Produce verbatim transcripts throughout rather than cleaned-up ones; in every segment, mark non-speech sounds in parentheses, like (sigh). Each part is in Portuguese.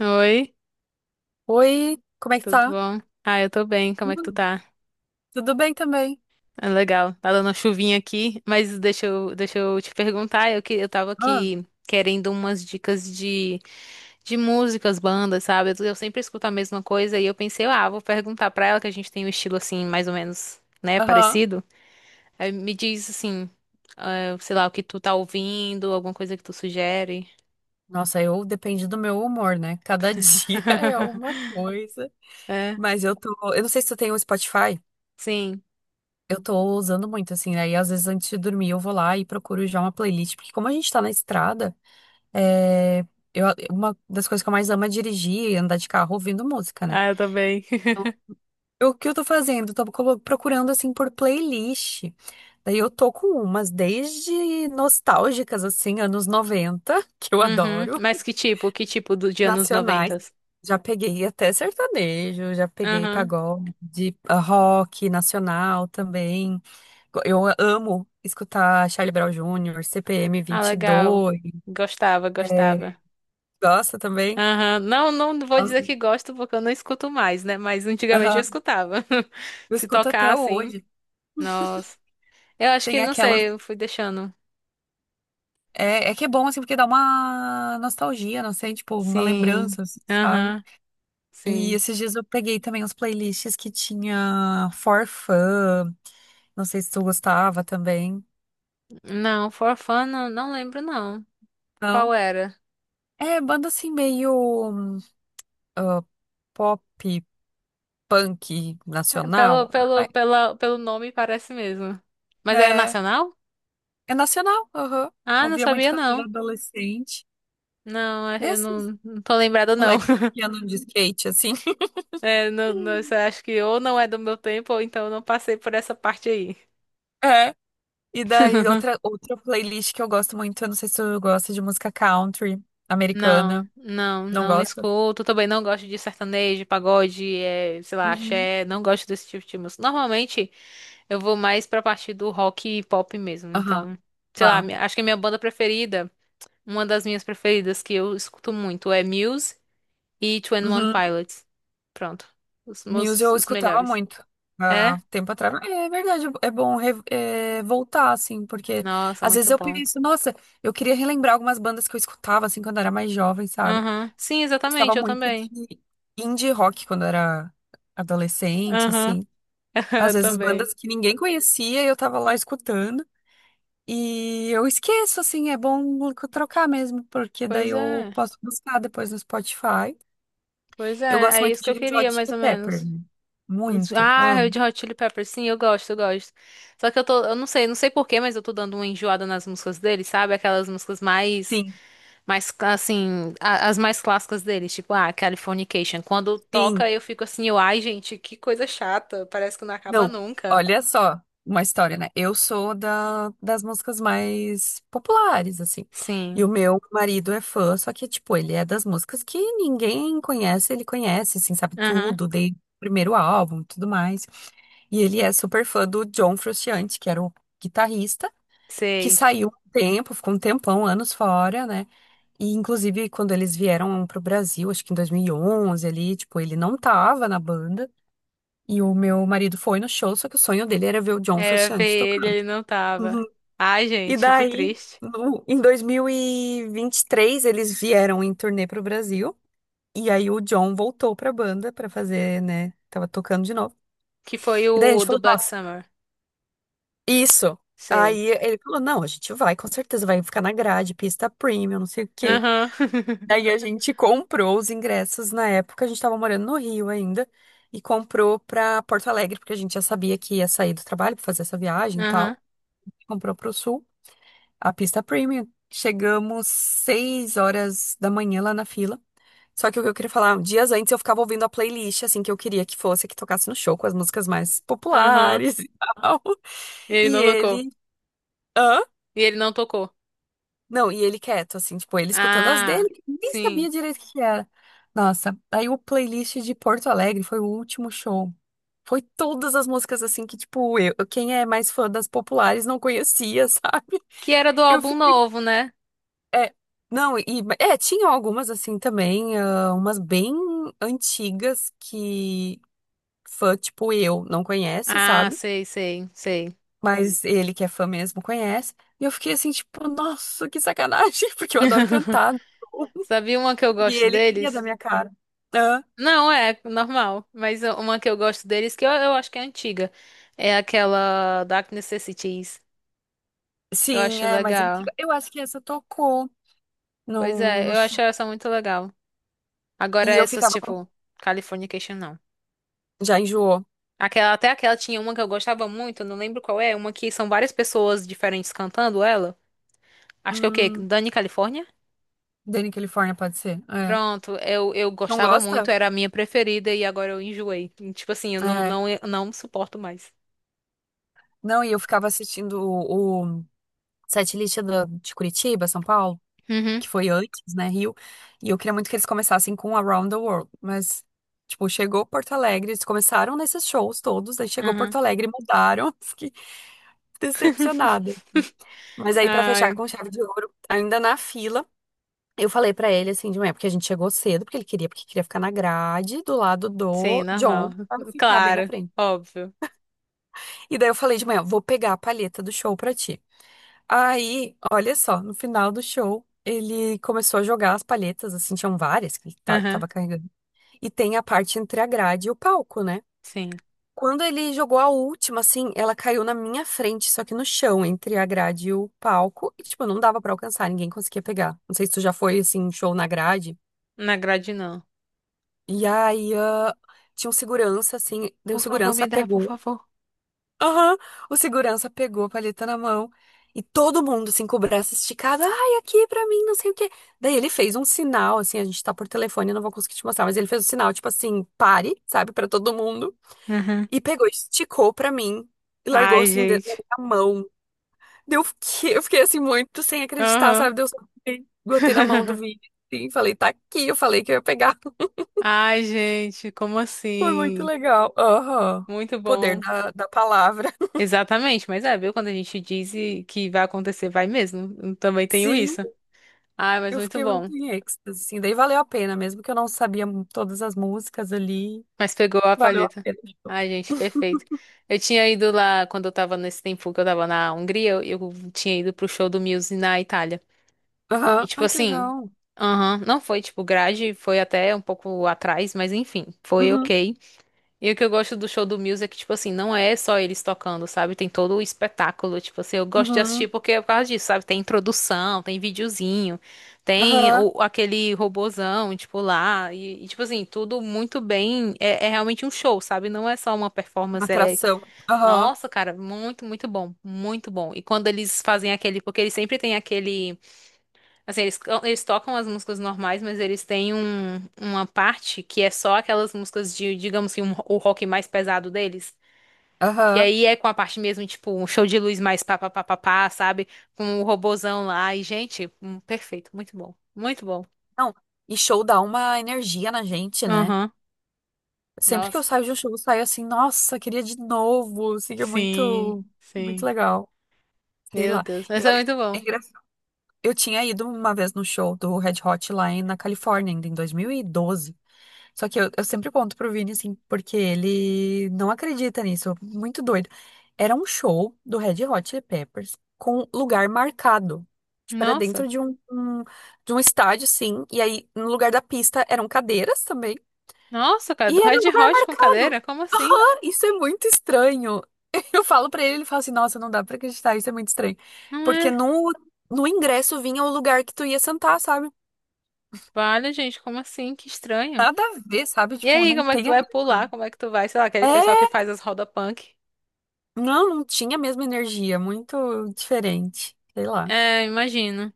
Oi, Oi, como é que tudo tá? bom? Ah, eu tô bem, como é que tu Hum, tá? tudo bem também. É legal, tá dando uma chuvinha aqui, mas deixa eu, deixa eu te perguntar, eu, que, eu tava Ah, aqui querendo umas dicas de, de músicas, bandas, sabe? Eu, eu sempre escuto a mesma coisa e eu pensei, ah, vou perguntar pra ela que a gente tem um estilo assim, mais ou menos, né, aham. parecido. Aí me diz assim, ah, sei lá, o que tu tá ouvindo, alguma coisa que tu sugere. Nossa, eu depende do meu humor, né? Cada (laughs) dia é uma (laughs) coisa. É, Mas eu tô. Eu não sei se tu tem o Spotify. sim, Eu tô usando muito, assim, aí às vezes antes de dormir eu vou lá e procuro já uma playlist, porque como a gente tá na estrada, é, eu, uma das coisas que eu mais amo é dirigir e andar de carro ouvindo música, né? ah, eu também. (laughs) O que eu tô fazendo? Tô colo- procurando assim por playlist. Daí eu tô com umas desde nostálgicas, assim, anos noventa (laughs) que eu Uhum. adoro, Mas que tipo? Que tipo do, de anos noventa? nacionais. Já peguei até sertanejo, já peguei Aham. pagode, ah, rock nacional também. Eu amo escutar Charlie Brown júnior, C P M Ah, legal. vinte e dois. Gostava, É, gostava. gosta também? Aham. Não, não vou dizer Nossa, que gosto porque eu não escuto mais, né? Mas antigamente eu aham. escutava. (laughs) Eu Se escuto tocar até assim, hoje. nossa. Eu acho que, Tem não aquela sei, eu fui deixando. É, é que é bom, assim, porque dá uma nostalgia, não sei, tipo, uma Sim. lembrança, assim, sabe? Aham. E Sim. esses dias eu peguei também uns playlists que tinha For Fun, não sei se tu gostava também, Não, For Fun, não, não lembro não. Qual não? era? É, banda assim meio ah, pop, punk, É, Pelo, nacional. pelo, Ai, pela, pelo nome parece mesmo. Mas era é, nacional? é nacional, aham. Ah, não Ouvia muito sabia quando eu era não. adolescente. Não, eu Esses não, não tô lembrada, não. moleques (laughs) que andam de skate, assim. É, não, não, isso eu (laughs) acho que ou não é do meu tempo, ou então eu não passei por essa parte aí. é E daí, outra, outra playlist que eu gosto muito, eu não sei se tu gosta de música country Não, americana. não, Não não gosta? escuto. Também não gosto de sertanejo, pagode, é, sei lá, Uhum. axé. Não gosto desse tipo de música. Normalmente eu vou mais pra parte do rock e pop mesmo. Aham. Então, sei lá, Tá. mi- acho que a minha banda preferida, uma das minhas preferidas que eu escuto muito é Muse e Twenty One Uhum. Pilots. Pronto. Os Muse meus, eu os escutava melhores. muito há É? tempo atrás. É verdade, é bom re- é, voltar, assim, porque Nossa, às muito vezes eu bom. penso, nossa, eu queria relembrar algumas bandas que eu escutava, assim, quando eu era mais jovem, sabe? Aham. Sim, Gostava exatamente, eu muito também. de indie rock quando eu era adolescente, Aham. assim. (laughs) Às Eu vezes também. bandas que ninguém conhecia e eu tava lá escutando. E eu esqueço, assim, é bom trocar mesmo, porque daí Pois eu é. posso buscar depois no Spotify. Pois Eu é, gosto é muito isso que de eu Red queria, Hot mais ou Chili menos. Peppers, né? Muito, Ah, amo. Red Hot Chili Peppers, sim, eu gosto, eu gosto. Só que eu tô, eu não sei, não sei por quê, mas eu tô dando uma enjoada nas músicas deles, sabe? Aquelas músicas mais, Sim, mais assim, a- as mais clássicas deles, tipo, ah, Californication. Quando toca, sim. eu fico assim, eu, ai, gente, que coisa chata, parece que não acaba Não, nunca. olha só, uma história, né? Eu sou da, das músicas mais populares, assim. E Sim. o meu marido é fã, só que, tipo, ele é das músicas que ninguém conhece, ele conhece, assim, sabe Aham. tudo, desde o primeiro álbum e tudo mais. E ele é super fã do John Frusciante, que era o guitarrista. Que Sei. saiu um tempo, ficou um tempão, anos fora, né? E inclusive quando eles vieram pro Brasil, acho que em dois mil e onze ali, tipo, ele não tava na banda. E o meu marido foi no show, só que o sonho dele era ver o John Era ver Frusciante ele, tocando. ele não tava. Uhum. Ai, E gente, que daí, triste. no- em dois mil e vinte e três, eles vieram em turnê pro Brasil. E aí o John voltou pra banda pra fazer, né? Tava tocando de novo. Que foi E daí a o gente do falou, Black nossa, Summer. isso. Sei. Aí ele falou, não, a gente vai, com certeza vai ficar na grade, pista premium, não sei o quê. Aham. Daí a gente comprou os ingressos na época, a gente tava morando no Rio ainda, e comprou pra Porto Alegre, porque a gente já sabia que ia sair do trabalho pra fazer essa (laughs) viagem e Aham. tal. Comprou pro Sul, a pista premium. Chegamos seis horas da manhã lá na fila. Só que o que eu queria falar, dias antes eu ficava ouvindo a playlist, assim, que eu queria que fosse, que tocasse no show, com as músicas mais Aham. populares (laughs) e tal. E ele E não tocou. ele. Hã? E ele não tocou. Não, e ele quieto, assim, tipo, ele escutando as Ah, dele, nem sim. sabia direito o que que era. Nossa, aí o playlist de Porto Alegre foi o último show. Foi todas as músicas, assim, que, tipo, eu, quem é mais fã das populares não conhecia, (laughs) sabe? Que era do Eu álbum fiquei. novo, né? É, não, e. É, tinham algumas, assim, também, ah, umas bem antigas que fã, tipo, eu não conhece, Ah, sabe? sei, sei, sei. Mas ele que é fã mesmo conhece. E eu fiquei assim, tipo, nossa, que sacanagem, (laughs) porque eu adoro (laughs) cantar. Sabia uma que eu E gosto ele ria deles? da minha cara. Hã? Não, é normal. Mas uma que eu gosto deles, que eu, eu acho que é antiga. É aquela Dark Necessities. Eu Sim, acho é mais legal. antiga. Eu acho que essa tocou Pois no, é, no eu show. acho essa muito legal. Agora E eu essas, ficava com. tipo, Californication, não. Já enjoou. Aquela, até aquela tinha uma que eu gostava muito, eu não lembro qual é, uma que são várias pessoas diferentes cantando ela. Acho que é o quê? Hum, Dani California? Dani California pode ser. É. Pronto, eu, eu Não gostava muito, gosta? era a minha preferida e agora eu enjoei. E, tipo assim, eu não, É. não, eu não suporto mais. Não, e eu ficava assistindo o, o setlist do- de Curitiba, São Paulo, Uhum, que foi antes, né, Rio. E eu queria muito que eles começassem com Around the World. Mas, tipo, chegou Porto Alegre, eles começaram nesses shows todos, aí chegou uhum. Porto Alegre e mudaram. (laughs) Fiquei decepcionada. (laughs) Mas aí, pra fechar Ai, com chave de ouro, ainda na fila, eu falei pra ele assim de manhã, porque a gente chegou cedo, porque ele queria, porque queria ficar na grade do lado sim, do normal. John, pra eu ficar bem na Claro, frente. óbvio. E daí eu falei de manhã, vou pegar a palheta do show pra ti. Aí, olha só, no final do show, ele começou a jogar as palhetas, assim, tinham várias que ele ta- Aham, tava carregando. E tem a parte entre a grade e o palco, né? sim. Quando ele jogou a última, assim, ela caiu na minha frente, só que no chão, entre a grade e o palco. E, tipo, não dava pra alcançar, ninguém conseguia pegar. Não sei se tu já foi, assim, em show na grade. Na grade não. E aí, ah, tinha um segurança, assim, deu Por favor, segurança, me dá, por pegou. favor. Aham, o segurança pegou a palheta na mão. E todo mundo, assim, com o braço esticado. Ai, aqui pra mim, não sei o quê. Daí ele fez um sinal, assim, a gente tá por telefone, eu não vou conseguir te mostrar, mas ele fez um sinal, tipo assim, pare, sabe, pra todo mundo. Uhum. E pegou, esticou pra mim e largou Ai, assim dentro gente. da minha mão. Deu, eu fiquei eu fiquei, assim muito sem acreditar, Aham. sabe? Deu só botei botei na mão do (laughs) vídeo assim, falei, tá aqui, eu falei que eu ia pegar. (laughs) Ai, gente, como Foi muito assim? legal. Aham. Muito Poder bom. da, da palavra. (laughs) Exatamente, mas é, viu? Quando a gente diz e- que vai acontecer, vai mesmo. Eu também tenho Sim, isso. Ai, mas eu muito fiquei muito bom. em êxtase, assim. Daí valeu a pena, mesmo que eu não sabia mu- todas as músicas ali. Mas pegou a Valeu a palheta. pena. Ai, gente, perfeito. Eu tinha ido lá, quando eu tava nesse tempo que eu tava na Hungria, eu, eu tinha ido pro show do Muse na Itália. E Aham. tipo Ai, que assim, legal. aham, não foi tipo grade, foi até um pouco atrás, mas enfim, foi Uhum. ok. E o que eu gosto do show do Muse é que, tipo assim, não é só eles tocando, sabe? Tem todo o espetáculo, tipo assim, eu gosto de assistir Uhum. porque é por causa disso, sabe? Tem introdução, tem videozinho, tem Aham. o, aquele robozão, tipo, lá, e, e, tipo assim, tudo muito bem, é, é realmente um show, sabe? Não é só uma performance, é, Atração. Aham. nossa, cara, muito, muito bom, muito bom. E quando eles fazem aquele, porque eles sempre têm aquele... Assim, eles, eles tocam as músicas normais, mas eles têm um, uma parte que é só aquelas músicas de, digamos assim um- o rock mais pesado deles. Que Aham. aí é com a parte mesmo, tipo, um show de luz mais pá, pá, pá, pá, pá, sabe? Com o robozão lá. E, gente, hum, perfeito. Muito bom. Muito bom. Não, e show dá uma energia na gente, né? Aham. Sempre que eu Nossa. saio de um show, eu saio assim, nossa, queria de novo. Assim, é Sim, muito, muito sim. legal. Sei Meu lá. Deus. E Mas é olha, muito é bom. engraçado. Eu tinha ido uma vez no show do Red Hot lá em- na Califórnia, ainda em dois mil e doze. Só que eu, eu sempre conto pro Vini, assim, porque ele não acredita nisso. Muito doido. Era um show do Red Hot Chili Peppers com lugar marcado. Tipo, era dentro Nossa. de um, um- de um estádio, sim. E aí, no lugar da pista, eram cadeiras também. Nossa, cara, do E era um Red lugar Hot com cadeira? marcado. Como assim? Ah, isso é muito estranho. (laughs) Eu falo pra ele, ele fala assim, nossa, não dá pra acreditar, isso é muito estranho. Não Porque é? no, no ingresso vinha o lugar que tu ia sentar, sabe? Vale, gente, como assim? Que estranho. Nada a ver, sabe? E Tipo, aí, não como é que tu tem. a- vai pular? Como é que tu vai? Sei lá, aquele pessoal que É. faz as roda punk. Não, não tinha a mesma energia, muito diferente, sei lá. É, imagino,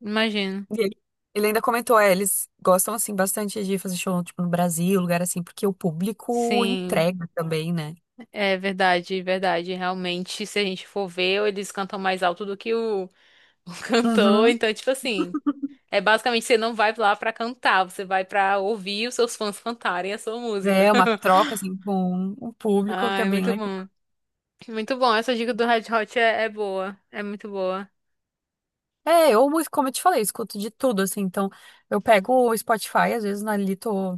imagino. E ele, ele ainda comentou, é, eles gostam, assim, bastante de fazer show, tipo, no Brasil, lugar assim, porque o público Sim, entrega também, né? é verdade, verdade. Realmente, se a gente for ver, eles cantam mais alto do que o, (laughs) o cantor. Uhum. Então, tipo assim, é basicamente você não vai lá pra cantar, você vai pra ouvir os seus fãs cantarem a sua música. É uma troca, assim, (laughs) com o público, que é Ai, bem muito legal. bom. Muito bom. Essa dica do Red Hot é, é boa, é muito boa. É, eu, mu- como eu te falei, escuto de tudo, assim, então eu pego o Spotify, às vezes, ali tô,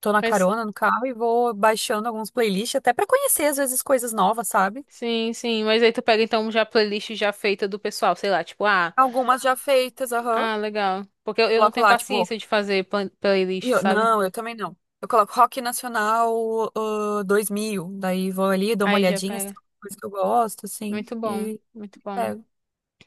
tô na Mas, carona, no carro, e vou baixando alguns playlists, até pra conhecer, às vezes, coisas novas, sabe? sim, sim. Mas aí tu pega então já a playlist já feita do pessoal, sei lá, tipo, ah. Algumas já feitas, aham. Ah, legal. Porque eu, eu não Coloco tenho lá, tipo, paciência de fazer plan- E playlist, eu- sabe? não, eu também não. Eu coloco Rock Nacional ah, dois mil. Daí vou ali, dou uma Aí já olhadinha, se pega. tem alguma coisa que eu gosto, assim, Muito bom, e muito bom. pego.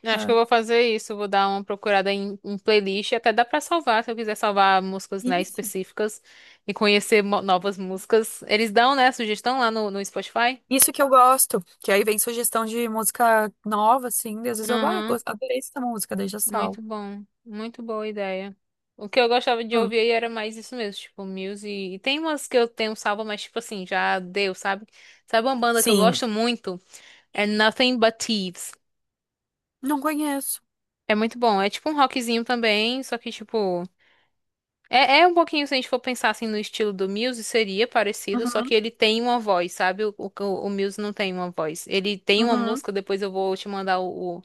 Eu acho que eu É. vou fazer isso. Vou dar uma procurada em, em playlist. Até dá pra salvar, se eu quiser salvar músicas, né, Isso. específicas e conhecer mo- novas músicas. Eles dão, né, sugestão lá no, no Spotify? Isso que eu gosto, que aí vem sugestão de música nova, assim, daí às vezes eu, ah, Aham, gos- adorei essa música, daí já muito salvo. bom. Muito boa ideia. O que eu gostava de Hum, ouvir aí era mais isso mesmo, tipo, Muse. E tem umas que eu tenho salva, mas tipo assim, já deu, sabe? Sabe uma banda que eu Sim, gosto muito? É Nothing But Thieves. não conheço. É muito bom. É tipo um rockzinho também, só que tipo. É, é um pouquinho, se a gente for pensar assim no estilo do Muse, seria parecido, só que Uhum, ele tem uma voz, sabe? O, o, o Muse não tem uma voz. Ele tem uma uhum, música, depois eu vou te mandar o, o,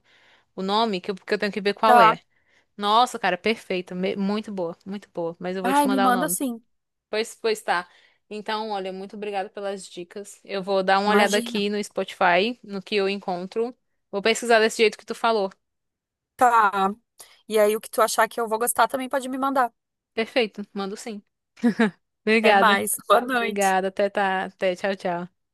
o nome, que eu, porque eu tenho que ver qual tá. é. Nossa, cara, perfeita. Me- Muito boa, muito boa. Mas eu vou Ai, te me mandar o manda nome. sim, Pois, pois tá. Então, olha, muito obrigada pelas dicas. Eu vou dar uma olhada imagina. aqui no Spotify, no que eu encontro. Vou pesquisar desse jeito que tu falou. Tá. E aí o que tu achar que eu vou gostar também pode me mandar. Perfeito, mando sim. Até Obrigada. mais, boa noite. Obrigada. Até tá. Até tchau, tchau.